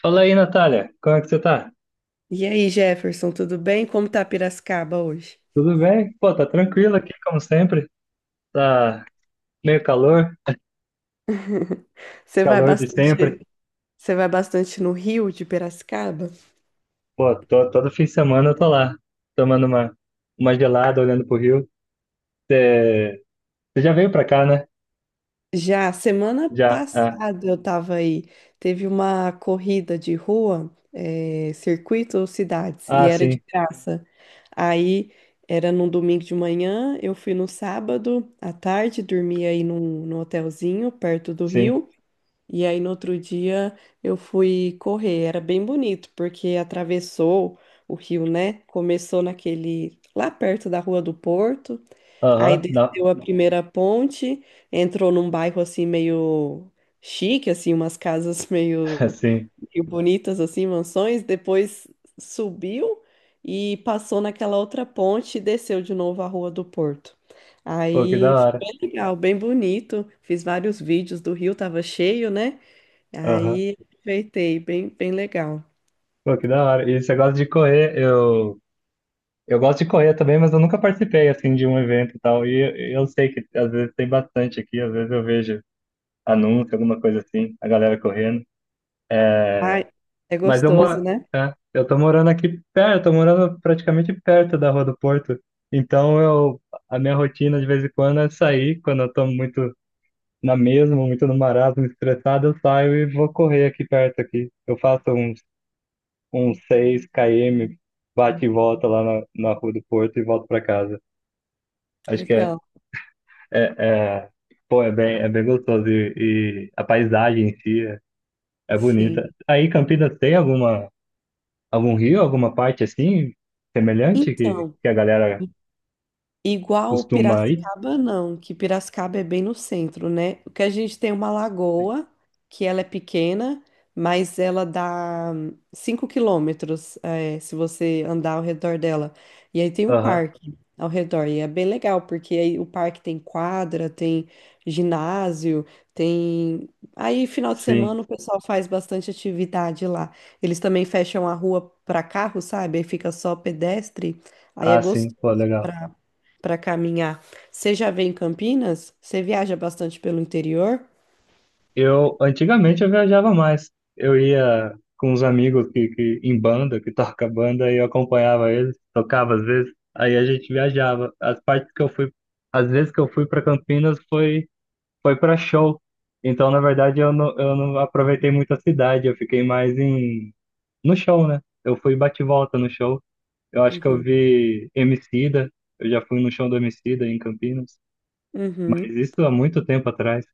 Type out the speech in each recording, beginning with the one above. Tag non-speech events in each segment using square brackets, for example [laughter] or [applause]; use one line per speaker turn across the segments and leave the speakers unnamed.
Fala aí, Natália, como é que você tá?
E aí, Jefferson, tudo bem? Como tá Piracicaba hoje?
Tudo bem? Pô, tá tranquilo aqui, como sempre. Tá meio calor,
Você vai
calor de
bastante,
sempre.
você vai bastante no Rio de Piracicaba?
Pô, tô, todo fim de semana eu tô lá, tomando uma gelada, olhando pro rio. Você você já veio pra cá, né?
Já semana
Já. Ah,
passada eu tava aí, teve uma corrida de rua, circuito cidades, e
ah
era de
sim,
graça. Aí era num domingo de manhã, eu fui no sábado à tarde, dormi aí num hotelzinho perto do
sim.
Rio. E aí no outro dia eu fui correr, era bem bonito, porque atravessou o rio, né? Começou naquele lá perto da Rua do Porto, aí
Aham, não.
desceu a primeira ponte, entrou num bairro assim meio chique, assim, umas casas [laughs]
[laughs] Sim.
meio bonitas assim, mansões, depois subiu e passou naquela outra ponte e desceu de novo a Rua do Porto.
Pô, que da
Aí foi
hora.
bem legal, bem bonito. Fiz vários vídeos do rio, tava cheio, né?
Aham.
Aí aproveitei, bem legal.
Pô, que da hora. E você gosta de correr? Eu gosto de correr também, mas eu nunca participei, assim, de um evento e tal. E eu sei que às vezes tem bastante aqui, às vezes eu vejo anúncio, alguma coisa assim, a galera correndo. É,
Ai, é
mas eu
gostoso,
moro,
né?
é, eu tô morando aqui perto, tô morando praticamente perto da Rua do Porto. Então eu, a minha rotina de vez em quando é sair, quando eu tô muito na mesma, muito no marasmo, estressado, eu saio e vou correr aqui perto aqui. Eu faço uns, uns 6 km, bate e volta lá na, na Rua do Porto e volto pra casa. Acho que é,
Legal.
é, é, pô, é bem gostoso e a paisagem em si é é
Sim.
bonita. Aí Campinas tem alguma, algum rio, alguma parte assim semelhante
Então.
que a galera
Igual
costuma ir?
Piracicaba, não, que Piracicaba é bem no centro, né? O que a gente tem é uma lagoa, que ela é pequena, mas ela dá 5 km, se você andar ao redor dela. E aí tem um
Aham.
parque ao redor, e é bem legal, porque aí o parque tem quadra, tem ginásio, tem. Aí, final de
Sim.
semana, o pessoal faz bastante atividade lá. Eles também fecham a rua para carro, sabe? Aí fica só pedestre, aí é
Ah, sim.
gostoso
Pô, legal.
para caminhar. Você já veio em Campinas? Você viaja bastante pelo interior?
Eu antigamente eu viajava mais. Eu ia com uns amigos que em banda, que [laughs] toca banda, e eu acompanhava eles, tocava às vezes. Aí a gente viajava. As partes que eu fui, às vezes que eu fui para Campinas foi, foi para show. Então, na verdade, eu não aproveitei muito a cidade, eu fiquei mais em no show, né? Eu fui bate e volta no show. Eu acho que eu
Uhum.
vi Emicida, eu já fui no show do Emicida em Campinas, mas
Uhum.
isso há muito tempo atrás.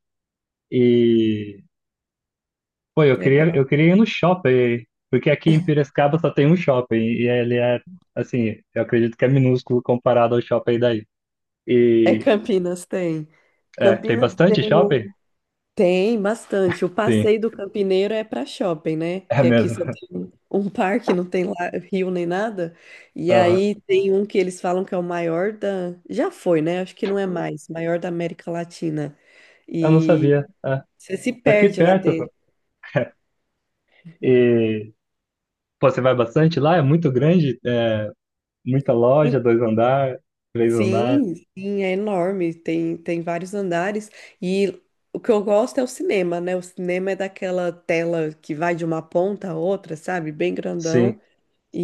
E, pô,
Legal.
eu queria ir no shopping, porque aqui em Piracicaba só tem um shopping, e ele é, assim, eu acredito que é minúsculo comparado ao shopping daí.
É
E,
Campinas, tem.
é, tem
Campinas
bastante
tem o...
shopping?
Tem bastante. O
Sim,
passeio do campineiro é para shopping, né?
é
Que aqui só
mesmo.
tem um parque, não tem lá rio nem nada. E
Aham.
aí tem um que eles falam que é o maior da... Já foi, né? Acho que não é mais. Maior da América Latina.
Eu não
E
sabia. É,
você se
tá aqui
perde lá
perto,
dentro.
pô. E, pô, você vai bastante lá? É muito grande? É, muita loja, dois andar, três andar.
Sim, sim, é enorme, tem vários andares e o que eu gosto é o cinema, né? O cinema é daquela tela que vai de uma ponta a outra, sabe? Bem
Sim,
grandão.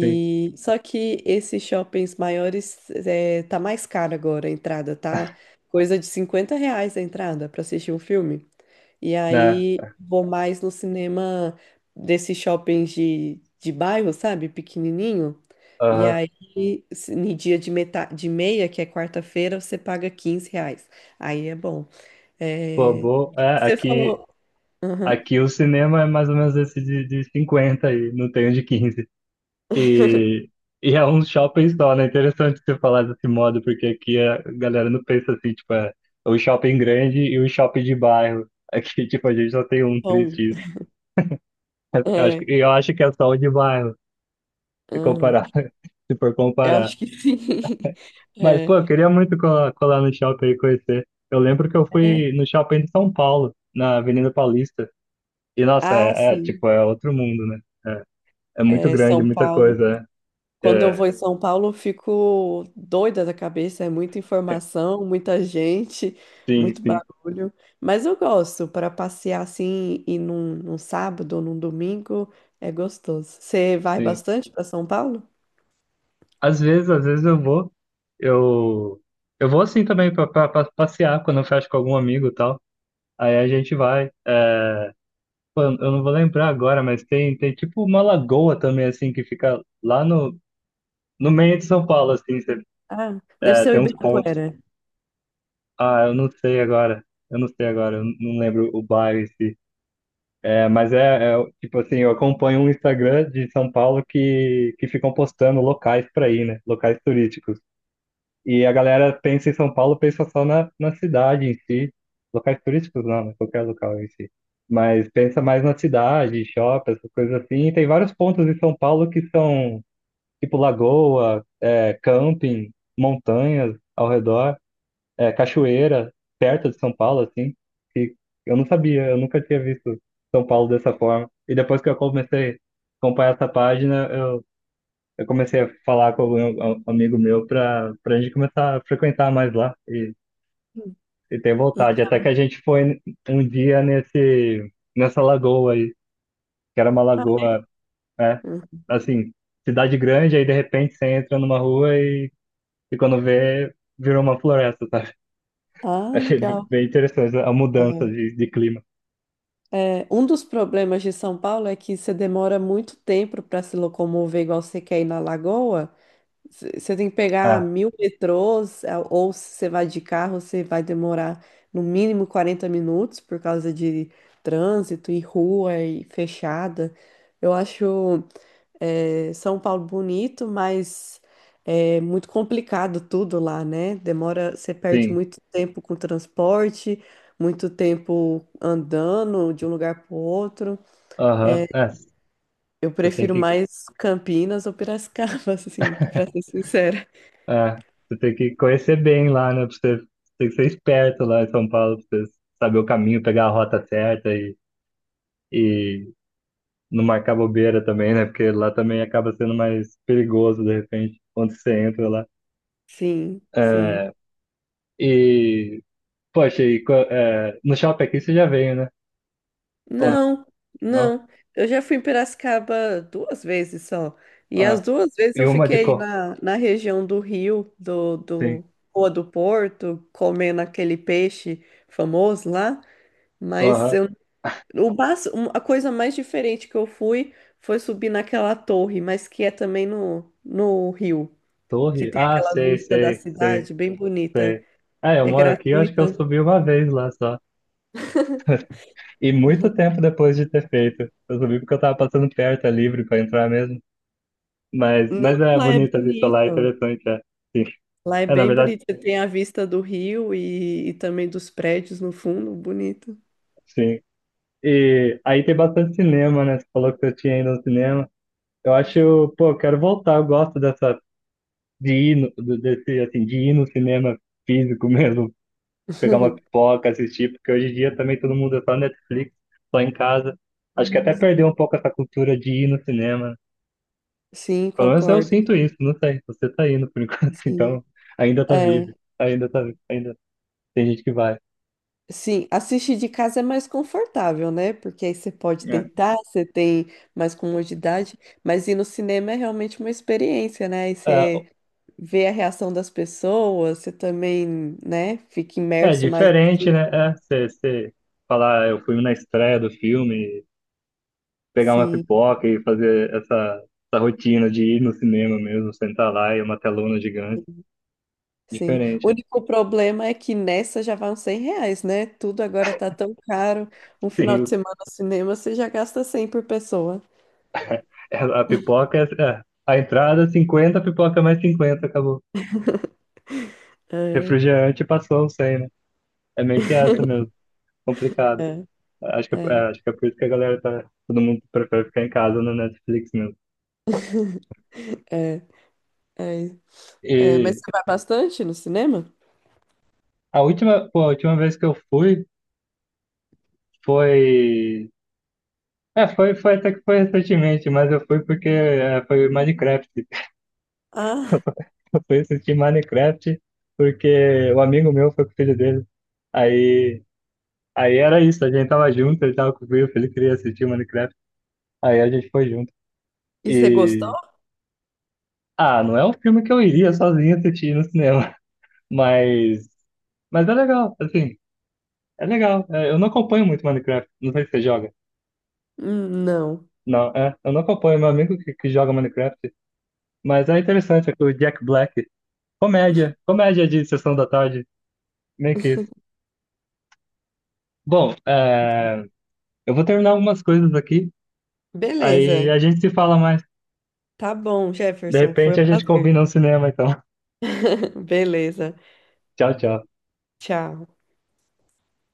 sim,
só que esses shoppings maiores é, tá mais caro agora a entrada, tá? Coisa de R$ 50 a entrada para assistir um filme. E
né?
aí vou mais no cinema desses shoppings de bairro, sabe? Pequenininho. E
Aham.
aí, no dia de meia, que é quarta-feira, você paga R$ 15. Aí é bom.
Pô,
É,
boa. É,
Você
aqui,
falou. Aham.
aqui o cinema é mais ou menos esse de 50 aí, não tem um de quinze.
[laughs]
E, e é um shopping só, né? Interessante você falar desse modo, porque aqui a galera não pensa assim, tipo, é o shopping grande e o shopping de bairro. Aqui, [laughs] tipo, a gente só tem um
Bom,
3x. Eu acho,
é,
eu acho que é só o de bairro, se
aham.
comparar, [laughs] se for
Eu
comparar.
acho que sim. [laughs]
Mas, pô,
É,
eu queria muito colar, colar no shopping e conhecer. Eu lembro que eu
é.
fui no shopping de São Paulo, na Avenida Paulista. E, nossa,
Ah,
é, é,
sim.
tipo, é outro mundo, né? É, é muito
É,
grande,
São
muita
Paulo.
coisa.
Quando eu
É,
vou em São Paulo, eu fico doida da cabeça, é muita
é,
informação, muita gente,
sim,
muito
sim,
barulho. Mas eu gosto, para passear assim, e num sábado ou num domingo, é gostoso. Você vai
sim.
bastante para São Paulo?
Às vezes eu, eu vou assim também pra, pra, pra passear quando eu fecho com algum amigo e tal. Aí a gente vai. É, pô, eu não vou lembrar agora, mas tem, tem tipo uma lagoa também, assim, que fica lá no, no meio de São Paulo, assim,
Ah, deve
é,
ser o
tem uns pontos.
Ibirapuera.
Ah, eu não sei agora. Eu não sei agora, eu não lembro o bairro em si. É, mas é, é, tipo assim, eu acompanho um Instagram de São Paulo que ficam postando locais para ir, né? Locais turísticos. E a galera pensa em São Paulo, pensa só na, na cidade em si. Locais turísticos não, né? Qualquer local em si. Mas pensa mais na cidade, shopping, essas coisas assim. E tem vários pontos em São Paulo que são tipo lagoa, é, camping, montanhas ao redor, é, cachoeira perto de São Paulo, assim, que eu não sabia, eu nunca tinha visto São Paulo dessa forma. E depois que eu comecei a acompanhar essa página, eu comecei a falar com um amigo meu para a gente começar a frequentar mais lá
Hum,
e ter vontade. Até que
Legal.
a gente foi um dia nesse nessa lagoa aí, que era uma lagoa, é,
Hum.
assim, cidade grande, aí de repente você entra numa rua e quando vê, virou uma floresta, sabe?
Ah,
Achei
legal.
bem interessante a mudança de clima.
É, é, um dos problemas de São Paulo é que você demora muito tempo para se locomover igual você quer ir na Lagoa. Você tem que pegar
Ah,
mil metrôs, ou se você vai de carro, você vai demorar no mínimo 40 minutos por causa de trânsito e rua e fechada. Eu acho São Paulo bonito, mas é muito complicado tudo lá, né? Demora, você perde
sim.
muito tempo com transporte, muito tempo andando de um lugar para outro.
Aham. É,
Eu
você tem
prefiro
que,
mais Campinas ou Piracicaba, [laughs] assim, para ser sincera.
é, você tem que conhecer bem lá, né? Pra você, você tem que ser esperto lá em São Paulo, pra você saber o caminho, pegar a rota certa e não marcar bobeira também, né? Porque lá também acaba sendo mais perigoso, de repente, quando você entra lá.
Sim, sim.
É, e, poxa, e, é, no shopping aqui você já veio, né? Ou não?
Não,
Não?
não. Eu já fui em Piracicaba duas vezes só. E as
Ah,
duas vezes
e
eu
uma de
fiquei
cor.
na região do Rio,
Sim.
do Rua do Porto, comendo aquele peixe famoso lá. Mas
Aham.
eu, o bas- um- A coisa mais diferente que eu fui foi subir naquela torre, mas que é também no Rio, que
Torre?
tem
Ah,
aquela
sei,
vista da
sei, sei.
cidade bem bonita.
Sei. É, eu
É
moro aqui, eu acho que eu
gratuita.
subi uma vez lá só. E muito tempo depois de ter feito. Eu subi porque eu tava passando perto, é livre pra entrar mesmo.
Não,
Mas é
lá é
bonita a vista lá, é
bonito.
interessante, é. Sim.
Lá é
É, na
bem
verdade,
bonito. Você tem a vista do rio e também dos prédios no fundo, bonito.
sim. E aí tem bastante cinema, né? Você falou que eu tinha ido ao cinema. Eu acho, pô, eu quero voltar, eu gosto dessa, de ir no, desse, assim, de ir no cinema físico [laughs] mesmo. Pegar uma
[laughs]
pipoca, assistir, porque hoje em dia também todo mundo é só Netflix, só em casa. Acho que até perdeu um pouco essa cultura de ir no cinema.
Sim,
Pelo menos eu
concordo.
sinto isso, não sei. Você tá indo por [laughs] enquanto,
Sim,
então ainda tá vivo.
é.
Ainda tá vivo, ainda tem gente que vai.
Sim, assistir de casa é mais confortável, né? Porque aí você pode
É,
deitar, você tem mais comodidade, mas ir no cinema é realmente uma experiência, né? E você vê a reação das pessoas, você também, né, fica
ah, é
imerso mais no
diferente,
filme.
né? É, você, você falar, "Ah, eu fui na estreia do filme, pegar uma
Sim.
pipoca e fazer essa, essa rotina de ir no cinema mesmo, sentar lá e uma telona gigante.
Sim. O
Diferente.
único problema é que nessa já vão R$ 100, né? Tudo agora tá tão caro. Um
[laughs]
final
Sim, o
de semana no cinema você já gasta 100 por pessoa.
é, a pipoca, é, é, a entrada cinquenta, a pipoca mais cinquenta, acabou.
É,
Refrigerante passou o 100, né? É meio que essa mesmo, complicado.
é, é,
Acho que é por isso que a galera tá, todo mundo prefere ficar em casa no Netflix mesmo.
é, é. É, mas
E
você vai bastante no cinema?
a última, pô, a última vez que eu fui foi, é, foi, foi até que foi recentemente, mas eu fui porque é, foi Minecraft.
Ah,
[laughs] Eu fui assistir Minecraft porque o amigo meu foi com o filho dele. Aí Aí era isso, a gente tava junto, ele tava comigo, ele queria assistir Minecraft. Aí a gente foi junto.
e você gostou?
E. Ah, não é um filme que eu iria sozinho assistir no cinema, [laughs] mas. Mas é legal, assim. É legal. É, eu não acompanho muito Minecraft, não sei se você joga.
Não.
Não, é. Eu não acompanho, meu amigo que joga Minecraft, mas é interessante, é que o Jack Black. Comédia, comédia de sessão da tarde, meio que isso. Bom, é, eu vou terminar algumas coisas aqui, aí
Beleza.
a gente se fala mais.
Tá bom,
De
Jefferson. Foi
repente
um
a gente
prazer.
combina um cinema, então. [laughs]
[laughs] Beleza.
Tchau, tchau.
Tchau.